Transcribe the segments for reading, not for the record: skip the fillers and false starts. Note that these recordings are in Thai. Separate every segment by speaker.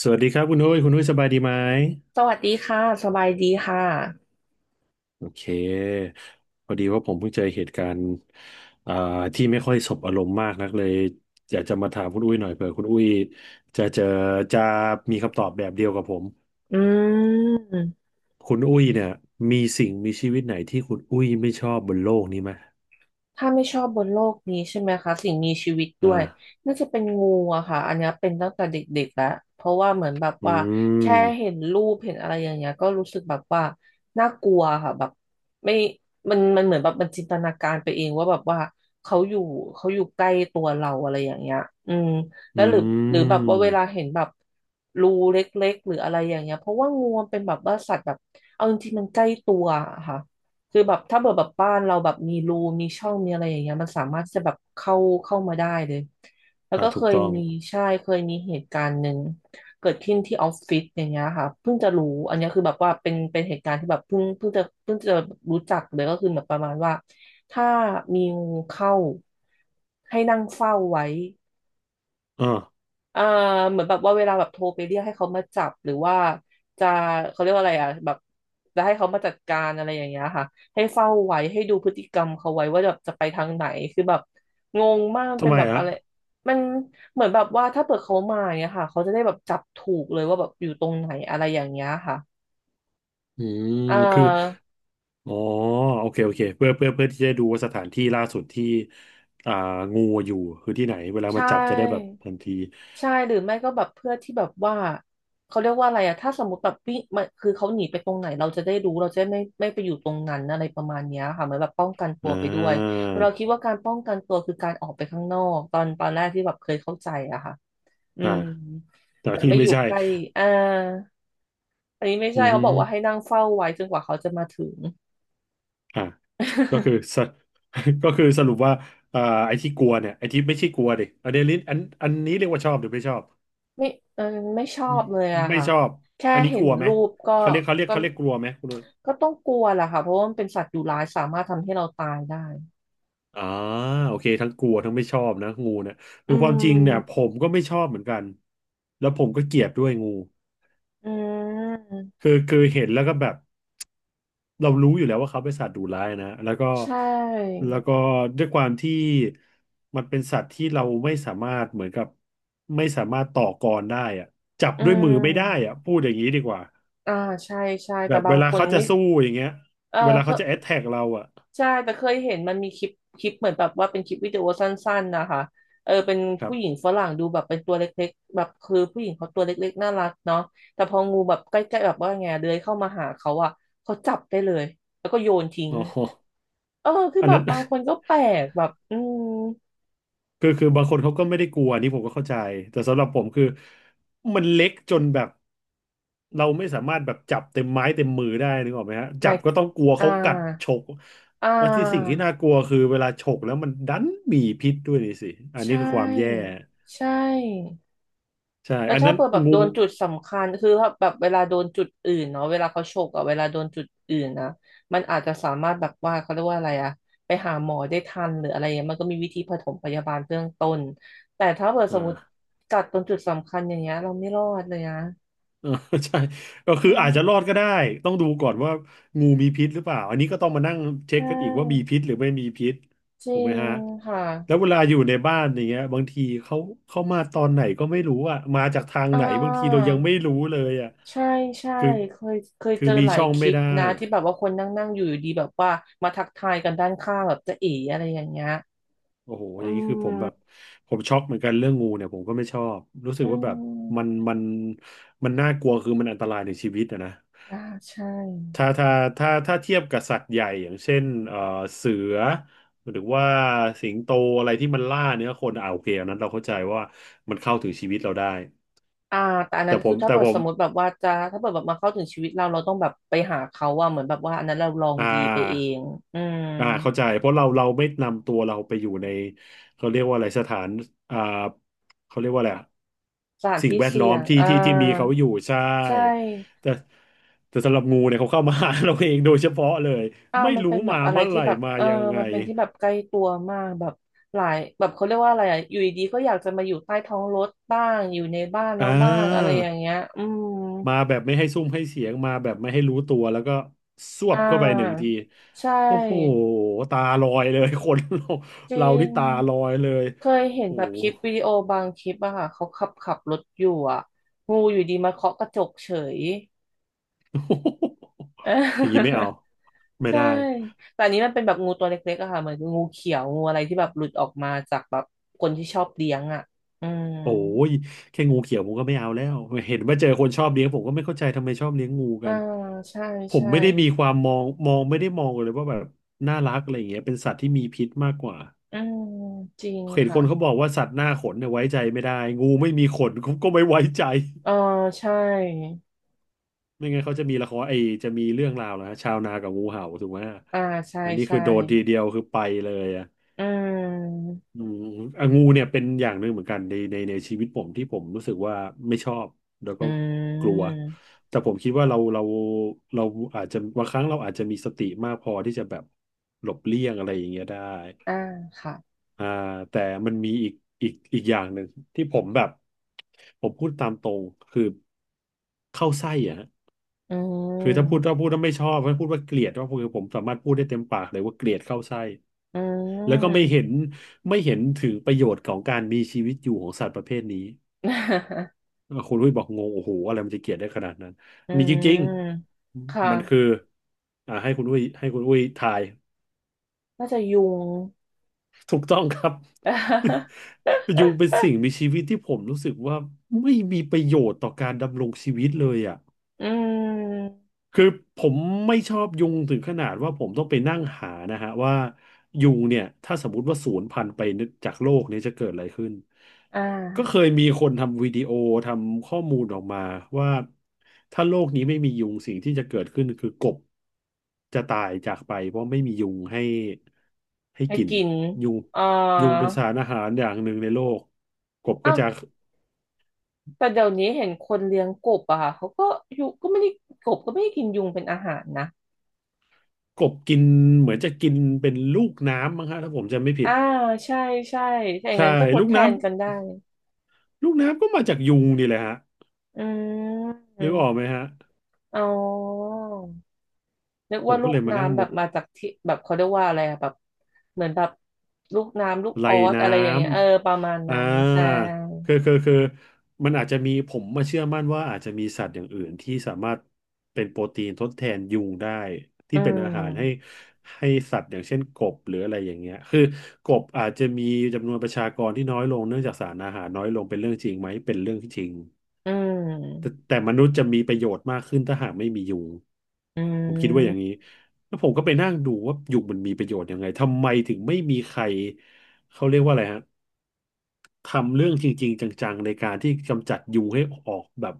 Speaker 1: สวัสดีครับคุณหุ้ยคุณหุ้ยสบายดีไหม
Speaker 2: สวัสดีค่ะ สบายดีค่ะ
Speaker 1: โอเคพอดีว่าผมเพิ่งเจอเหตุการณ์อ่าที่ไม่ค่อยสบอารมณ์มากนักเลยอยากจะมาถามคุณอุ้ยหน่อยเผื่อคุณอุ้ยจะเจอจะมีคำตอบแบบเดียวกับผม
Speaker 2: อืม
Speaker 1: คุณอุ้ยเนี่ยมีสิ่งมีชีวิตไหนที่คุณอุ้ยไม่ชอบบนโลกนี้ไหม
Speaker 2: ถ้าไม่ชอบบนโลกนี้ใช่ไหมคะสิ่งมีชีวิต
Speaker 1: อ
Speaker 2: ด้วย
Speaker 1: ่า
Speaker 2: น่าจะเป็นงูอะค่ะอันเนี้ยเป็นตั้งแต่เด็กๆแล้วเพราะว่าเหมือนแบบ
Speaker 1: อื
Speaker 2: ว่า
Speaker 1: ม
Speaker 2: แค่เห็นรูปเห็นอะไรอย่างเงี้ยก็รู้สึกแบบว่าน่ากลัวค่ะแบบไม่มันเหมือนแบบมันจินตนาการไปเองว่าแบบว่าเขาอยู่เขาอยู่ใกล้ตัวเราอะไรอย่างเงี้ยอืมแล้
Speaker 1: อื
Speaker 2: วหรือหรือแบบว่า
Speaker 1: ม
Speaker 2: เวลาเห็นแบบรูเล็กๆหรืออะไรอย่างเงี้ยเพราะว่างูมันเป็นแบบว่าสัตว์แบบเอาจริงๆมันใกล้ตัวอะค่ะ คือแบบถ้าเกิดแบบบ้านเราแบบมีรูมีช่องมีอะไรอย่างเงี้ยมันสามารถที่จะแบบเข้ามาได้เลยแล้วก็เค
Speaker 1: ถูก
Speaker 2: ย
Speaker 1: ต้อง
Speaker 2: มีใช่เคยมีเหตุการณ์หนึ่งเกิดขึ้นที่ออฟฟิศอย่างเงี้ยค่ะเพิ่งจะรู้อันเนี้ยคือแบบว่าเป็นเหตุการณ์ที่แบบเพิ่งจะรู้จักเลยก็คือแบบประมาณว่าถ้ามีงูเข้าให้นั่งเฝ้าไว้
Speaker 1: อ่า
Speaker 2: เอ่าเหมือนแบบว่าเวลาแบบโทรไปเรียกให้เขามาจับหรือว่าจะเขาเรียกว่าอะไรอ่ะแบบจะให้เขามาจัดการอะไรอย่างเงี้ยค่ะให้เฝ้าไว้ให้ดูพฤติกรรมเขาไว้ว่าแบบจะไปทางไหนคือแบบงงมากมัน
Speaker 1: ทำ
Speaker 2: เป็น
Speaker 1: ไม
Speaker 2: แบบ
Speaker 1: อะ
Speaker 2: อะไรมันเหมือนแบบว่าถ้าเปิดเขามาอย่างเงี้ยค่ะเขาจะได้แบบจับถูกเลยว่าแบบอยู่ตรงไหนอะไรอย่างเงี้ยค่ะ
Speaker 1: อืม
Speaker 2: อ่
Speaker 1: คือ
Speaker 2: า
Speaker 1: อ๋อโอเคโอเคเพื่อที่จะดูว่าสถานที่ล่าสุดที่อ่างูอยู่คือที่ไหนเวลา
Speaker 2: ใช
Speaker 1: มาจับจะได้แบบ
Speaker 2: ่
Speaker 1: ทันที
Speaker 2: ใช่หรือไม่ก็แบบเพื่อที่แบบว่าเขาเรียกว่าอะไรอะถ้าสมมติแบบวิ่งมันคือเขาหนีไปตรงไหนเราจะได้รู้เราจะไม่ไปอยู่ตรงนั้นอะไรประมาณเนี้ยค่ะเหมือนแบบป้องกันตั
Speaker 1: อ่
Speaker 2: วไปด้วย
Speaker 1: า
Speaker 2: แต่เราคิดว่าการป้องกันตัวคือการออกไปข้างนอกตอนแรกที่แบบเคยเข้าใจอะค่ะอื
Speaker 1: อ่า
Speaker 2: ม
Speaker 1: แต่
Speaker 2: แบบ
Speaker 1: ที่
Speaker 2: ไม่
Speaker 1: ไม่
Speaker 2: อยู่
Speaker 1: ใช่
Speaker 2: ใกล้อ่าอันนี้ไม่
Speaker 1: อื
Speaker 2: ใช่เขาบอกว่าให้
Speaker 1: ม
Speaker 2: นั่งเฝ้าไว้จนกว่าเขาจะมาถึง
Speaker 1: อ่าก็คือส ก็คือสรุปว่าอ่าไอ้ที่กลัวเนี่ยไอ้ที่ไม่ใช่กลัวดิอันนี้ลิ้นอันนี้เรียกว่าชอบหรือไม่ชอบ
Speaker 2: ไม่เออไม่ชอบเลยอะ
Speaker 1: ไม่
Speaker 2: ค่ะ
Speaker 1: ชอบ
Speaker 2: แค่
Speaker 1: อันนี้
Speaker 2: เห็
Speaker 1: ก
Speaker 2: น
Speaker 1: ลัวไหม
Speaker 2: รูปก็
Speaker 1: เขาเรียกเขาเรียก
Speaker 2: ก็
Speaker 1: เขาเรียกกลัวไหมคุณนุ้ย
Speaker 2: ก็ต้องกลัวแหละค่ะเพราะว่ามันเป็นสัตว์ดุร้ายสามารถทำให้เราตายได้
Speaker 1: อ่าโอเคทั้งกลัวทั้งไม่ชอบนะงูเนี่ย
Speaker 2: อื
Speaker 1: คือความจริงเนี่ยผ
Speaker 2: ม
Speaker 1: มก็ไม่ชอบเหมือนกันแล้วผมก็เกลียดด้วยงู
Speaker 2: อืม
Speaker 1: คือเห็นแล้วก็แบบเรารู้อยู่แล้วว่าเขาเป็นสัตว์ดุร้ายนะแล้วก็
Speaker 2: ใช่
Speaker 1: แล้วก็ด้วยความที่มันเป็นสัตว์ที่เราไม่สามารถเหมือนกับไม่สามารถต่อกรได้อะจับ
Speaker 2: อื
Speaker 1: ด้วยมือไม่ได้อะ
Speaker 2: ม
Speaker 1: พูดอย่างนี้ดีกว่า
Speaker 2: อ่าใช่ใช่
Speaker 1: แบ
Speaker 2: แต่
Speaker 1: บ
Speaker 2: บา
Speaker 1: เว
Speaker 2: ง
Speaker 1: ลา
Speaker 2: คน
Speaker 1: เขาจะ
Speaker 2: ไม่
Speaker 1: สู้อย่างเงี้ย
Speaker 2: เออ
Speaker 1: เวลา
Speaker 2: เขา
Speaker 1: เขาจะแอ t แทกเราอะ
Speaker 2: ใช่ แต่เคยเห็นมันมีคลิปคลิปเหมือนแบบว่าเป็นคลิปวิดีโอสั้นๆนะคะเออเป็น
Speaker 1: ครั
Speaker 2: ผู้หญิง
Speaker 1: บ
Speaker 2: ฝรั่งดูแบบเป็นตัวเล็กๆแบบคือผู้หญิงเขาตัวเล็กๆน่ารักเนาะแต่พองูแบบใกล้ๆแบบว่าไงเลื้อยเข้ามาหาเขาอะเขาจับได้เลยแล้วก็โยนทิ้ง
Speaker 1: อ๋อ
Speaker 2: เออคือ
Speaker 1: อัน
Speaker 2: แบบ
Speaker 1: นั้น
Speaker 2: บางคนก็แปลกแบบอืม
Speaker 1: คือบางคนเขาก็ไม่ได้กลัวอันนี่ผมก็เข้าใจแต่สำหรับผมคือมันเล็กจนแบบเราไม่สามารถแบบจับเต็มไม้เต็มมือได้นึกออกไหมฮะ
Speaker 2: ห
Speaker 1: จั
Speaker 2: มาย
Speaker 1: บก็ต้องกลัว
Speaker 2: อ่า
Speaker 1: เขากัดฉก
Speaker 2: อ่
Speaker 1: แล้วที่สิ่งที่
Speaker 2: า
Speaker 1: น่ากลัวคือเวลาฉกแล้วมันดันมีพิษด้วยนี่สิอัน
Speaker 2: ใช
Speaker 1: นี้คือความแย่
Speaker 2: ่ใช่
Speaker 1: ใช่
Speaker 2: แล้ว
Speaker 1: อัน
Speaker 2: ถ้า
Speaker 1: นั้น
Speaker 2: เปิดแบบ
Speaker 1: งู
Speaker 2: โดนจุดสำคัญคือถ้าแบบเวลาโดนจุดอื่นเนาะเวลาเขาฉกอะเวลาโดนจุดอื่นนะมันอาจจะสามารถแบบว่าเขาเรียกว่าอะไรอะไปหาหมอได้ทันหรืออะไรเงี้ยมันก็มีวิธีปฐมพยาบาลเบื้องต้นแต่ถ้าเปิดสมม
Speaker 1: อ่า
Speaker 2: ติกัดตรงจุดสำคัญอย่างเงี้ยเราไม่รอดเลยนะ
Speaker 1: เออ ใช่ก็
Speaker 2: อื
Speaker 1: คืออาจจะรอ
Speaker 2: ม
Speaker 1: ดก็ได้ต้องดูก่อนว่างูมีพิษหรือเปล่าอันนี้ก็ต้องมานั่งเช็ค
Speaker 2: ใช่
Speaker 1: กันอีกว่ามีพิษหรือไม่มีพิษ
Speaker 2: จริ
Speaker 1: ถูกไหม
Speaker 2: ง
Speaker 1: ฮะ
Speaker 2: ค่ะ
Speaker 1: แล้วเวลาอยู่ในบ้านอย่างเงี้ยบางทีเขาเข้ามาตอนไหนก็ไม่รู้อ่ะมาจากทาง
Speaker 2: อ่
Speaker 1: ไหนบางทีเรา
Speaker 2: า
Speaker 1: ยังไม่รู้เลยอ่ะ
Speaker 2: ใช่ใช่
Speaker 1: คือ
Speaker 2: เคย
Speaker 1: คือ
Speaker 2: เจอ
Speaker 1: มี
Speaker 2: หลาย
Speaker 1: ช่อง
Speaker 2: คลิ
Speaker 1: ไม่
Speaker 2: ป
Speaker 1: ได้
Speaker 2: นะที่แบบว่าคนนั่งนั่งอยู่ดีแบบว่ามาทักทายกันด้านข้างแบบจะเอ๋อะไรอย่างเงี้ย
Speaker 1: โอ้โห
Speaker 2: อื
Speaker 1: อย่างนี้คือผมแบบ
Speaker 2: ม
Speaker 1: ผมช็อกเหมือนกันเรื่องงูเนี่ยผมก็ไม่ชอบรู้สึก
Speaker 2: อื
Speaker 1: ว่าแบบ
Speaker 2: ม
Speaker 1: มันมันน่ากลัวคือมันอันตรายในชีวิตอะนะ
Speaker 2: อ่าใช่
Speaker 1: ถ้าถ้าถ้าเทียบกับสัตว์ใหญ่อย่างเช่นเสือหรือว่าสิงโตอะไรที่มันล่าเนื้อคนโอเคอันนั้นเราเข้าใจว่ามันเข้าถึงชีวิตเราได้
Speaker 2: อ่าแต่อัน
Speaker 1: แต่
Speaker 2: นั้น
Speaker 1: ผ
Speaker 2: คือ
Speaker 1: ม
Speaker 2: ถ้า
Speaker 1: แต่
Speaker 2: เกิด
Speaker 1: ผ
Speaker 2: ส
Speaker 1: ม
Speaker 2: มมติแบบว่าจะถ้าเกิดแบบมาเข้าถึงชีวิตเราเราต้องแบบไปหาเขาว่าเหมือนแบบว่าอันนั้นเราลอง
Speaker 1: อ่
Speaker 2: ดีไปเอ
Speaker 1: า
Speaker 2: งอืม
Speaker 1: เข้าใจเพราะเราไม่นำตัวเราไปอยู่ในเขาเรียกว่าอะไรสถานอ่าเขาเรียกว่าอะไรอะ
Speaker 2: สถาน
Speaker 1: สิ่ง
Speaker 2: ที่
Speaker 1: แวดล้
Speaker 2: เสี่
Speaker 1: อ
Speaker 2: ย
Speaker 1: ม
Speaker 2: ง
Speaker 1: ที่
Speaker 2: อ่า
Speaker 1: ที่ที่มีเขาอยู่ใช่
Speaker 2: ใช่
Speaker 1: แต่แต่สำหรับงูเนี่ยเขาเข้ามาหาเราเองโดยเฉพาะเลย
Speaker 2: อ่า
Speaker 1: ไม่
Speaker 2: มัน
Speaker 1: รู้
Speaker 2: เป็นแบ
Speaker 1: มา
Speaker 2: บอะไร
Speaker 1: เมื่อไห
Speaker 2: ที่
Speaker 1: ร่
Speaker 2: แบบ
Speaker 1: มา
Speaker 2: เออ
Speaker 1: ยังไง
Speaker 2: มันเป็นที่แบบใกล้ตัวมากแบบหลายแบบเขาเรียกว่าอะไรอะอยู่ดีๆก็อยากจะมาอยู่ใต้ท้องรถบ้างอยู่ในบ้าน
Speaker 1: อ่
Speaker 2: เราบ้างอะไรอย่าง
Speaker 1: า
Speaker 2: เงี้ยอืม
Speaker 1: มาแบบไม่ให้ซุ่มให้เสียงมาแบบไม่ให้รู้ตัวแล้วก็สว
Speaker 2: อ่
Speaker 1: บเข้าไปหนึ่ง
Speaker 2: า
Speaker 1: ที
Speaker 2: ใช
Speaker 1: โอ้โห
Speaker 2: ่
Speaker 1: ตาลอยเลย คนเรา
Speaker 2: จริ
Speaker 1: เราที่
Speaker 2: ง
Speaker 1: ตาลอยเลย
Speaker 2: เคยเห็น
Speaker 1: โอ้
Speaker 2: แบ
Speaker 1: โห
Speaker 2: บคลิปวิดีโอบางคลิปอะค่ะเขาขับรถอยู่อะงูอยู่ดีมาเคาะกระจกเฉย เ
Speaker 1: อย่างนี้ไม่
Speaker 2: ออ
Speaker 1: เอาไม่
Speaker 2: ใช่
Speaker 1: ได้
Speaker 2: แต่อันนี้มันเป็นแบบงูตัวเล็กๆอะค่ะเหมือนงูเขียวงูอะไรที่แบบหลุดออกมาจากแบบคนที่ชอบเลี้ยงอะอืม
Speaker 1: โอ้ยแค่งูเขียวผมก็ไม่เอาแล้วเห็นว่าเจอคนชอบเลี้ยงผมก็ไม่เข้าใจทำไมชอบเลี้ยงงู
Speaker 2: อ่า
Speaker 1: กัน
Speaker 2: ใช่
Speaker 1: ผม
Speaker 2: ใช่
Speaker 1: ไม่ได้มีความมองไม่ได้มองเลยว่าแบบน่ารักอะไรอย่างเงี้ยเป็นสัตว์ที่มีพิษมากกว่า
Speaker 2: อืมจริง
Speaker 1: เห็นค
Speaker 2: ค่ะ
Speaker 1: นเขาบอกว่าสัตว์หน้าขนเนี่ยไว้ใจไม่ได้งูไม่มีขน ก็ไม่ไว้ใจ
Speaker 2: เออใช่
Speaker 1: ไม่งั้นเขาจะมีละครไอจะมีเรื่องราวแล้วชาวนากับงูเห่าถูกไหม
Speaker 2: อ่าใช่
Speaker 1: อันนี้คื
Speaker 2: ใช่
Speaker 1: อโดนทีเดียวคือไปเลยอ่ะ
Speaker 2: อืม
Speaker 1: อืมอ่ะงูเนี่ยเป็นอย่างหนึ่งเหมือนกันในชีวิตผมที่ผมรู้สึกว่าไม่ชอบแล้ว
Speaker 2: อื
Speaker 1: ก็กลัว
Speaker 2: ม
Speaker 1: แต่ผมคิดว่าเราอาจจะบางครั้งเราอาจจะมีสติมากพอที่จะแบบหลบเลี่ยงอะไรอย่างเงี้ยได้
Speaker 2: อ่าค่ะ
Speaker 1: อ่าแต่มันมีอีกอย่างหนึ่งที่ผมแบบผมพูดตามตรงคือเข้าไส้อ่ะ
Speaker 2: อื
Speaker 1: คือถ้าพูดถ้า
Speaker 2: ม
Speaker 1: พูดถ้าไม่ชอบถ้าพูดว่าเกลียดก็คือผมสามารถพูดได้เต็มปากเลยว่าเกลียดเข้าไส้
Speaker 2: อื
Speaker 1: แล้วก็
Speaker 2: ม
Speaker 1: ไม่เห็นถึงประโยชน์ของการมีชีวิตอยู่ของสัตว์ประเภทนี้ คุณลุยบอกงงโอ้โหอะไรมันจะเกลียดได้ขนาดนั้น
Speaker 2: อื
Speaker 1: มีจริง
Speaker 2: ม ค
Speaker 1: ๆมันคือ
Speaker 2: ่ะ
Speaker 1: ให้คุณลุยทาย
Speaker 2: น่าจะยุง
Speaker 1: ถูกต้องครับ ยุ งเป็นสิ่งมีชีวิตที่ผมรู้สึกว่าไม่มีประโยชน์ต่อการดำรงชีวิตเลยอ่ะ
Speaker 2: อืม
Speaker 1: คือผมไม่ชอบยุงถึงขนาดว่าผมต้องไปนั่งหานะฮะว่ายุงเนี่ยถ้าสมมติว่าสูญพันธุ์ไปจากโลกเนี่ยจะเกิดอะไรขึ้น
Speaker 2: อ่
Speaker 1: ก็เค
Speaker 2: า
Speaker 1: ยมีคนทำวิดีโอทำข้อมูลออกมาว่าถ้าโลกนี้ไม่มียุงสิ่งที่จะเกิดขึ้นคือกบจะตายจากไปเพราะไม่มียุงให้ให้
Speaker 2: ให้
Speaker 1: กิน
Speaker 2: กิน
Speaker 1: ยุง
Speaker 2: อ่า
Speaker 1: เป็นสารอาหารอย่างหนึ่งในโลกกบก็
Speaker 2: อ้าว
Speaker 1: จะ
Speaker 2: แต่เดี๋ยวนี้เห็นคนเลี้ยงกบอะค่ะเขาก็ยุงก็ไม่ได้กบก็ไม่ได้กินยุงเป็นอาหารนะ
Speaker 1: กบกินเหมือนจะกินเป็นลูกน้ำมั้งฮะถ้าผมจำไม่ผิด
Speaker 2: อ่า ใช่ ใช่ถ้าอย่าง
Speaker 1: ใช่
Speaker 2: นั้นก็ทด
Speaker 1: ลูก
Speaker 2: แทนกัน
Speaker 1: น้ำ
Speaker 2: ได้
Speaker 1: ลูกน้ำก็มาจากยุงนี่แหละฮะ
Speaker 2: อืม
Speaker 1: นึกออกไหมฮะ
Speaker 2: อ๋อ นึก
Speaker 1: ผ
Speaker 2: ว่า
Speaker 1: ม
Speaker 2: ลู
Speaker 1: ก็เล
Speaker 2: ก
Speaker 1: ยมานั่ง
Speaker 2: น้ำแบ
Speaker 1: มอ
Speaker 2: บ
Speaker 1: ง
Speaker 2: มาจากที่แบบเขาเรียกว่าอะไรอะแบบเหมือนแบบลูกน้ำลูกอ
Speaker 1: ไล่
Speaker 2: อส
Speaker 1: น้
Speaker 2: อะไรอย่างเงี้ยเออประมาณ
Speaker 1: ำ
Speaker 2: นั้นใช่
Speaker 1: คือมันอาจจะมีผมมาเชื่อมั่นว่าอาจจะมีสัตว์อย่างอื่นที่สามารถเป็นโปรตีนทดแทนยุงได้
Speaker 2: อื
Speaker 1: ที่เป็นอาหารให้
Speaker 2: ม
Speaker 1: ให้สัตว์อย่างเช่นกบหรืออะไรอย่างเงี้ยคือกบอาจจะมีจำนวนประชากรที่น้อยลงเนื่องจากสารอาหารน้อยลงเป็นเรื่องจริงไหมเป็นเรื่องที่จริง
Speaker 2: อื
Speaker 1: แต่
Speaker 2: ม
Speaker 1: แต่มนุษย์จะมีประโยชน์มากขึ้นถ้าหากไม่มียุง
Speaker 2: อื
Speaker 1: ผมคิดว่าอย่างนี้
Speaker 2: ม
Speaker 1: แล้วผมก็ไปนั่งดูว่ายุงมันมีประโยชน์ยังไงทำไมถึงไม่มีใครเขาเรียกว่าอะไรฮะ ทำเรื่องจริงๆจังๆในการที่กำจัดยุงให้ออกแบบ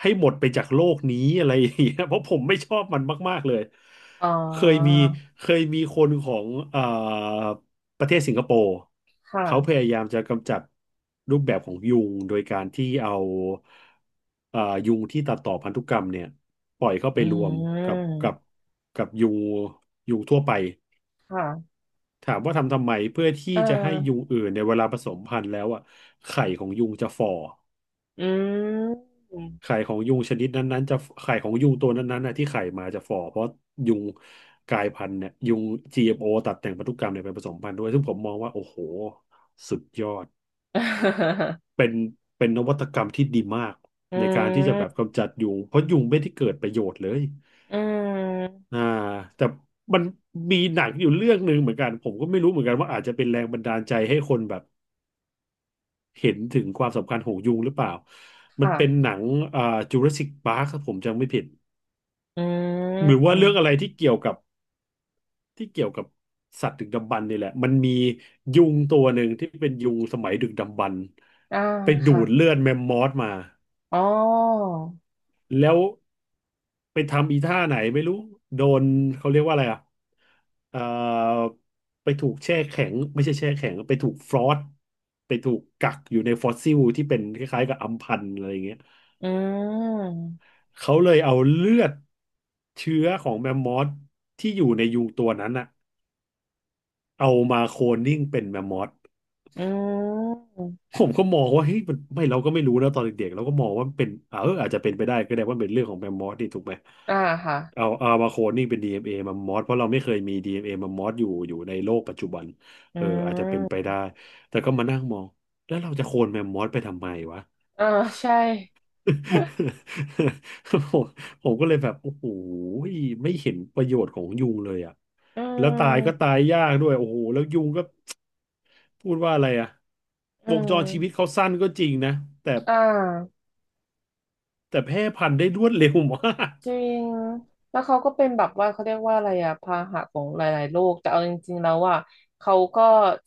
Speaker 1: ให้หมดไปจากโลกนี้อะไรอย่างเงี้ย เพราะผมไม่ชอบมันมากๆเลย
Speaker 2: อ๋อ
Speaker 1: เคยมีเคยมีคนของประเทศสิงคโปร์
Speaker 2: ค่ะ
Speaker 1: เขาพยายามจะกำจัดรูปแบบของยุงโดยการที่เอาเอ่อยุงที่ตัดต่อพันธุกรรมเนี่ยปล่อยเข้า
Speaker 2: อื
Speaker 1: ไปรวมกับ
Speaker 2: ม
Speaker 1: ยุงทั่วไป
Speaker 2: ค่ะ
Speaker 1: ถามว่าทำทำไมเพื่อที่
Speaker 2: เอ
Speaker 1: จะให้ยุ
Speaker 2: อ
Speaker 1: งอื่นในยเวลาผสมพันธุ์แล้วอ่ะไข่ของยุงจะฝ่อ
Speaker 2: อืม
Speaker 1: ไข่ของยุงชนิดนั้นๆจะไข่ของยุงตัวนั้นๆน่ะที่ไข่มาจะฝ่อเพราะยุงกลายพันธุ์เนี่ยยุง GMO ตัดแต่งพันธุกรรมเนี่ยไปผสมพันธุ์ด้วยซึ่งผมมองว่าโอ้โหสุดยอด เป็นนวัตกรรมที่ดีมาก
Speaker 2: อื
Speaker 1: ในการที่จะแบบกำ
Speaker 2: ม
Speaker 1: จัดยุงเพราะยุงไม่ได้เกิดประโยชน์เลย
Speaker 2: อืม
Speaker 1: อ่าแต่มันมีหนังอยู่เรื่องหนึ่งเหมือนกันผมก็ไม่รู้เหมือนกันว่าอาจจะเป็นแรงบันดาลใจให้คนแบบ เห็นถึงความสำคัญของยุงหรือเปล่า มัน
Speaker 2: ค่ะ
Speaker 1: เป็นหนังอ่าจูราสสิกพาร์คผมจำไม่ผิด
Speaker 2: อื
Speaker 1: หรือว่าเรื่อง
Speaker 2: ม
Speaker 1: อะไรที่เกี่ยวกับที่เกี่ยวกับสัตว์ดึกดำบรรพ์นี่แหละ มันมียุงตัวหนึ่งที่เป็นยุงสมัยดึกดำบรรพ์
Speaker 2: อ่า
Speaker 1: ไปดู
Speaker 2: ค่ะ
Speaker 1: ดเลือดแมมมอสมา
Speaker 2: อ๋อ
Speaker 1: แล้วไปทำอีท่าไหนไม่รู้ โดนเขาเรียกว่าอะไรอ่ะเอ่อไปถูกแช่แข็งไม่ใช่แช่แข็งไปถูกฟรอสไปถูกกักอยู่ในฟอสซิลที่เป็นคล้ายๆกับอัมพันธ์อะไรอย่างเงี้ย
Speaker 2: อืม
Speaker 1: เขาเลยเอาเลือดเชื้อของแมมมอสที่อยู่ในยุงตัวนั้นอะเอามาโคลนนิ่งเป็นแมมมอส
Speaker 2: อืม
Speaker 1: ผมก็มองว่าเฮ้ยมันไม่เราก็ไม่รู้นะตอนเด็กๆเราก็มองว่ามันเป็นเอออาจจะเป็นไปได้ก็ได้ว่าเป็นเรื่องของแมมมอสนี่ถูกไหม
Speaker 2: อ่าค่ะ
Speaker 1: เอามาโคลนนิ่งเป็น d เ a แมมมอสเพราะเราไม่เคยมี d เ a แมมมอสอยู่ในโลกปัจจุบัน
Speaker 2: อื
Speaker 1: เอออาจจะเป็นไป
Speaker 2: ม
Speaker 1: ได้แต่ก็มานั่งมองแล้วเราจะโคลนแมมมอสไปทำไมวะ
Speaker 2: อ่าใช่
Speaker 1: ผมก็เลยแบบโอ้โหไม่เห็นประโยชน์ของยุงเลยอ่ะ
Speaker 2: อื
Speaker 1: แล้วตายก็ตา
Speaker 2: ม
Speaker 1: ยยากด้วยโอ้โหแล้วยุงก็พูดว่าอะไรอ่ะ
Speaker 2: อื
Speaker 1: วงจ
Speaker 2: ม
Speaker 1: รชีวิตเขาสั้นก็จริงนะแต่
Speaker 2: อ่า
Speaker 1: แต่แพร่พันธุ์ได้รวดเร็วมาก
Speaker 2: จริงแล้วเขาก็เป็นแบบว่าเขาเรียกว่าอะไรอะพาหะของหลายๆโรคแต่เอาจริงๆแล้วอะเขาก็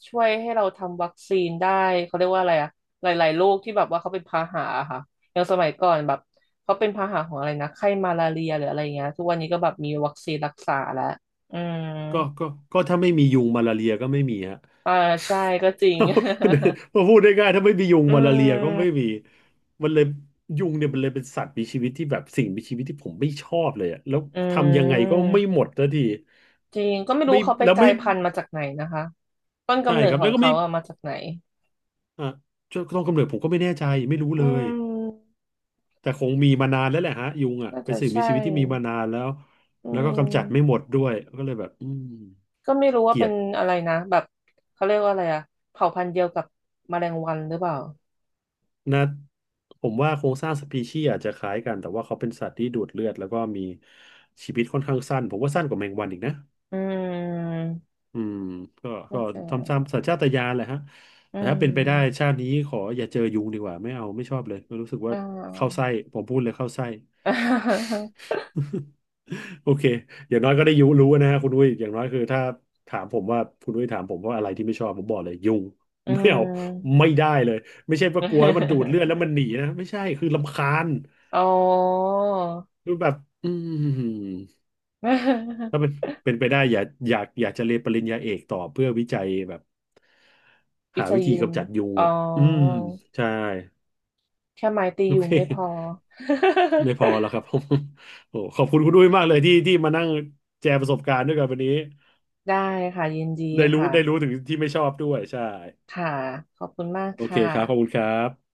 Speaker 2: ช่วยให้เราทำวัคซีนได้เขาเรียกว่าอะไรอะหลายๆโรคที่แบบว่าเขาเป็นพาหะอะค่ะอย่างสมัยก่อนแบบเขาเป็นพาหะของอะไรนะไข้มาลาเรียหรืออะไรเงี้ยทุกวันนี้ก็แบบมีวัคซีนรักษาแล้วอืม
Speaker 1: ก็ก็ก็ถ้าไม่มียุงมาลาเรียก็ไม่มีฮะ
Speaker 2: อ่าใช่ก็จริง
Speaker 1: มาพูดได้ง่ายถ้าไม่มียุง
Speaker 2: อื
Speaker 1: มาลาเรียก็ไม่มี
Speaker 2: ม
Speaker 1: มันเลยยุงเนี่ยมันเลยเป็นสัตว์มีชีวิตที่แบบสิ่งมีชีวิตที่ผมไม่ชอบเลยอะแล้ว
Speaker 2: อื
Speaker 1: ทำยังไงก็ไม่
Speaker 2: ม
Speaker 1: หมดสักที
Speaker 2: จริงก็ไม่รู้
Speaker 1: ไม่
Speaker 2: เขาไป
Speaker 1: แล้ว
Speaker 2: กลา
Speaker 1: ไม่
Speaker 2: ยพันธุ์มาจากไหนนะคะต้น
Speaker 1: ใช่
Speaker 2: กำเนิ
Speaker 1: ค
Speaker 2: ด
Speaker 1: รับ
Speaker 2: ขอ
Speaker 1: แล้
Speaker 2: ง
Speaker 1: วก็ไม่
Speaker 2: เขาอะมาจากไหน
Speaker 1: อ่ะตอนกำเนิดผมก็ไม่แน่ใจไม่รู้
Speaker 2: อื
Speaker 1: เลย
Speaker 2: ม
Speaker 1: แต่คงมีมานานแล้วแหละฮะยุงอ่ะ
Speaker 2: น่า
Speaker 1: เป็
Speaker 2: จะ
Speaker 1: นสิ่งมี
Speaker 2: ใช่
Speaker 1: ชีวิตที่มีมานานแล้ว
Speaker 2: อื
Speaker 1: แล้วก็กำจัดไม่ห
Speaker 2: ม
Speaker 1: มดด้วยก็เลยแบบอืม
Speaker 2: ก็ไม่รู้
Speaker 1: เก
Speaker 2: ว่า
Speaker 1: ลี
Speaker 2: เป็
Speaker 1: ย
Speaker 2: น
Speaker 1: ด
Speaker 2: อะไรนะแบบเขาเรียกว่าอะไรอะเผ่าพันธุ์เดียวกับแมลงวันหรือเปล่า
Speaker 1: นะผมว่าโครงสร้างสปีชีส์อาจจะคล้ายกันแต่ว่าเขาเป็นสัตว์ที่ดูดเลือดแล้วก็มีชีวิตค่อนข้างสั้นผมว่าสั้นกว่าแมงวันอีกนะ
Speaker 2: อืม
Speaker 1: อืมก็
Speaker 2: น่าจะ
Speaker 1: ทำตามสัญชาตญาณแหละฮะ
Speaker 2: อื
Speaker 1: แต่ถ้าเป็นไปได้
Speaker 2: ม
Speaker 1: ชาตินี้ขออย่าเจอยุงดีกว่าไม่เอาไม่ชอบเลยรู้สึกว่า
Speaker 2: อ่
Speaker 1: เข้าไส้
Speaker 2: า
Speaker 1: ผมพูดเลยเข้าไส้ โอเคอย่างน้อยก็ได้ยุรู้นะฮะคุณอุ้ยอย่างน้อยคือถ้าถามผมว่าคุณอุ้ยถามผมว่าอะไรที่ไม่ชอบผมบอกเลยยุง
Speaker 2: อื
Speaker 1: ไม่เอา
Speaker 2: ม
Speaker 1: ไม่ได้เลยไม่ใช่ว่ากลัวแล้วมันดูดเลื อดแล้วมันหนีนะไม่ใช่คือรำคาญ
Speaker 2: อ๋อ
Speaker 1: คือแบบอืมถ้าเป็น เป็นไปได้อย่ากอยากอยากจะเรียนปริญญาเอกต่อเพื่อวิจัยแบบ
Speaker 2: วิ
Speaker 1: หา
Speaker 2: จั
Speaker 1: วิ
Speaker 2: ย
Speaker 1: ธี
Speaker 2: ยุง
Speaker 1: กำจัดยุง
Speaker 2: อ๋อ
Speaker 1: อ่ะอืมใช่
Speaker 2: แค่ไม้ตี
Speaker 1: โอ
Speaker 2: ยุ
Speaker 1: เค
Speaker 2: งไม่พอ
Speaker 1: ไม่พอแล้ว ครับ ผมโอ้ขอบคุณคุณด้วยมากเลยที่ที่มานั่งแชร์ประสบการณ์ด้วยกันวันนี้
Speaker 2: ได้ค่ะยินดี
Speaker 1: ได้รู้
Speaker 2: ค่ะ
Speaker 1: ได้รู้ถึงที่ไม่ชอบด้วยใช่
Speaker 2: ค่ะขอบคุณมาก
Speaker 1: โอเค
Speaker 2: ค่ะ
Speaker 1: ครับขอบคุณครับ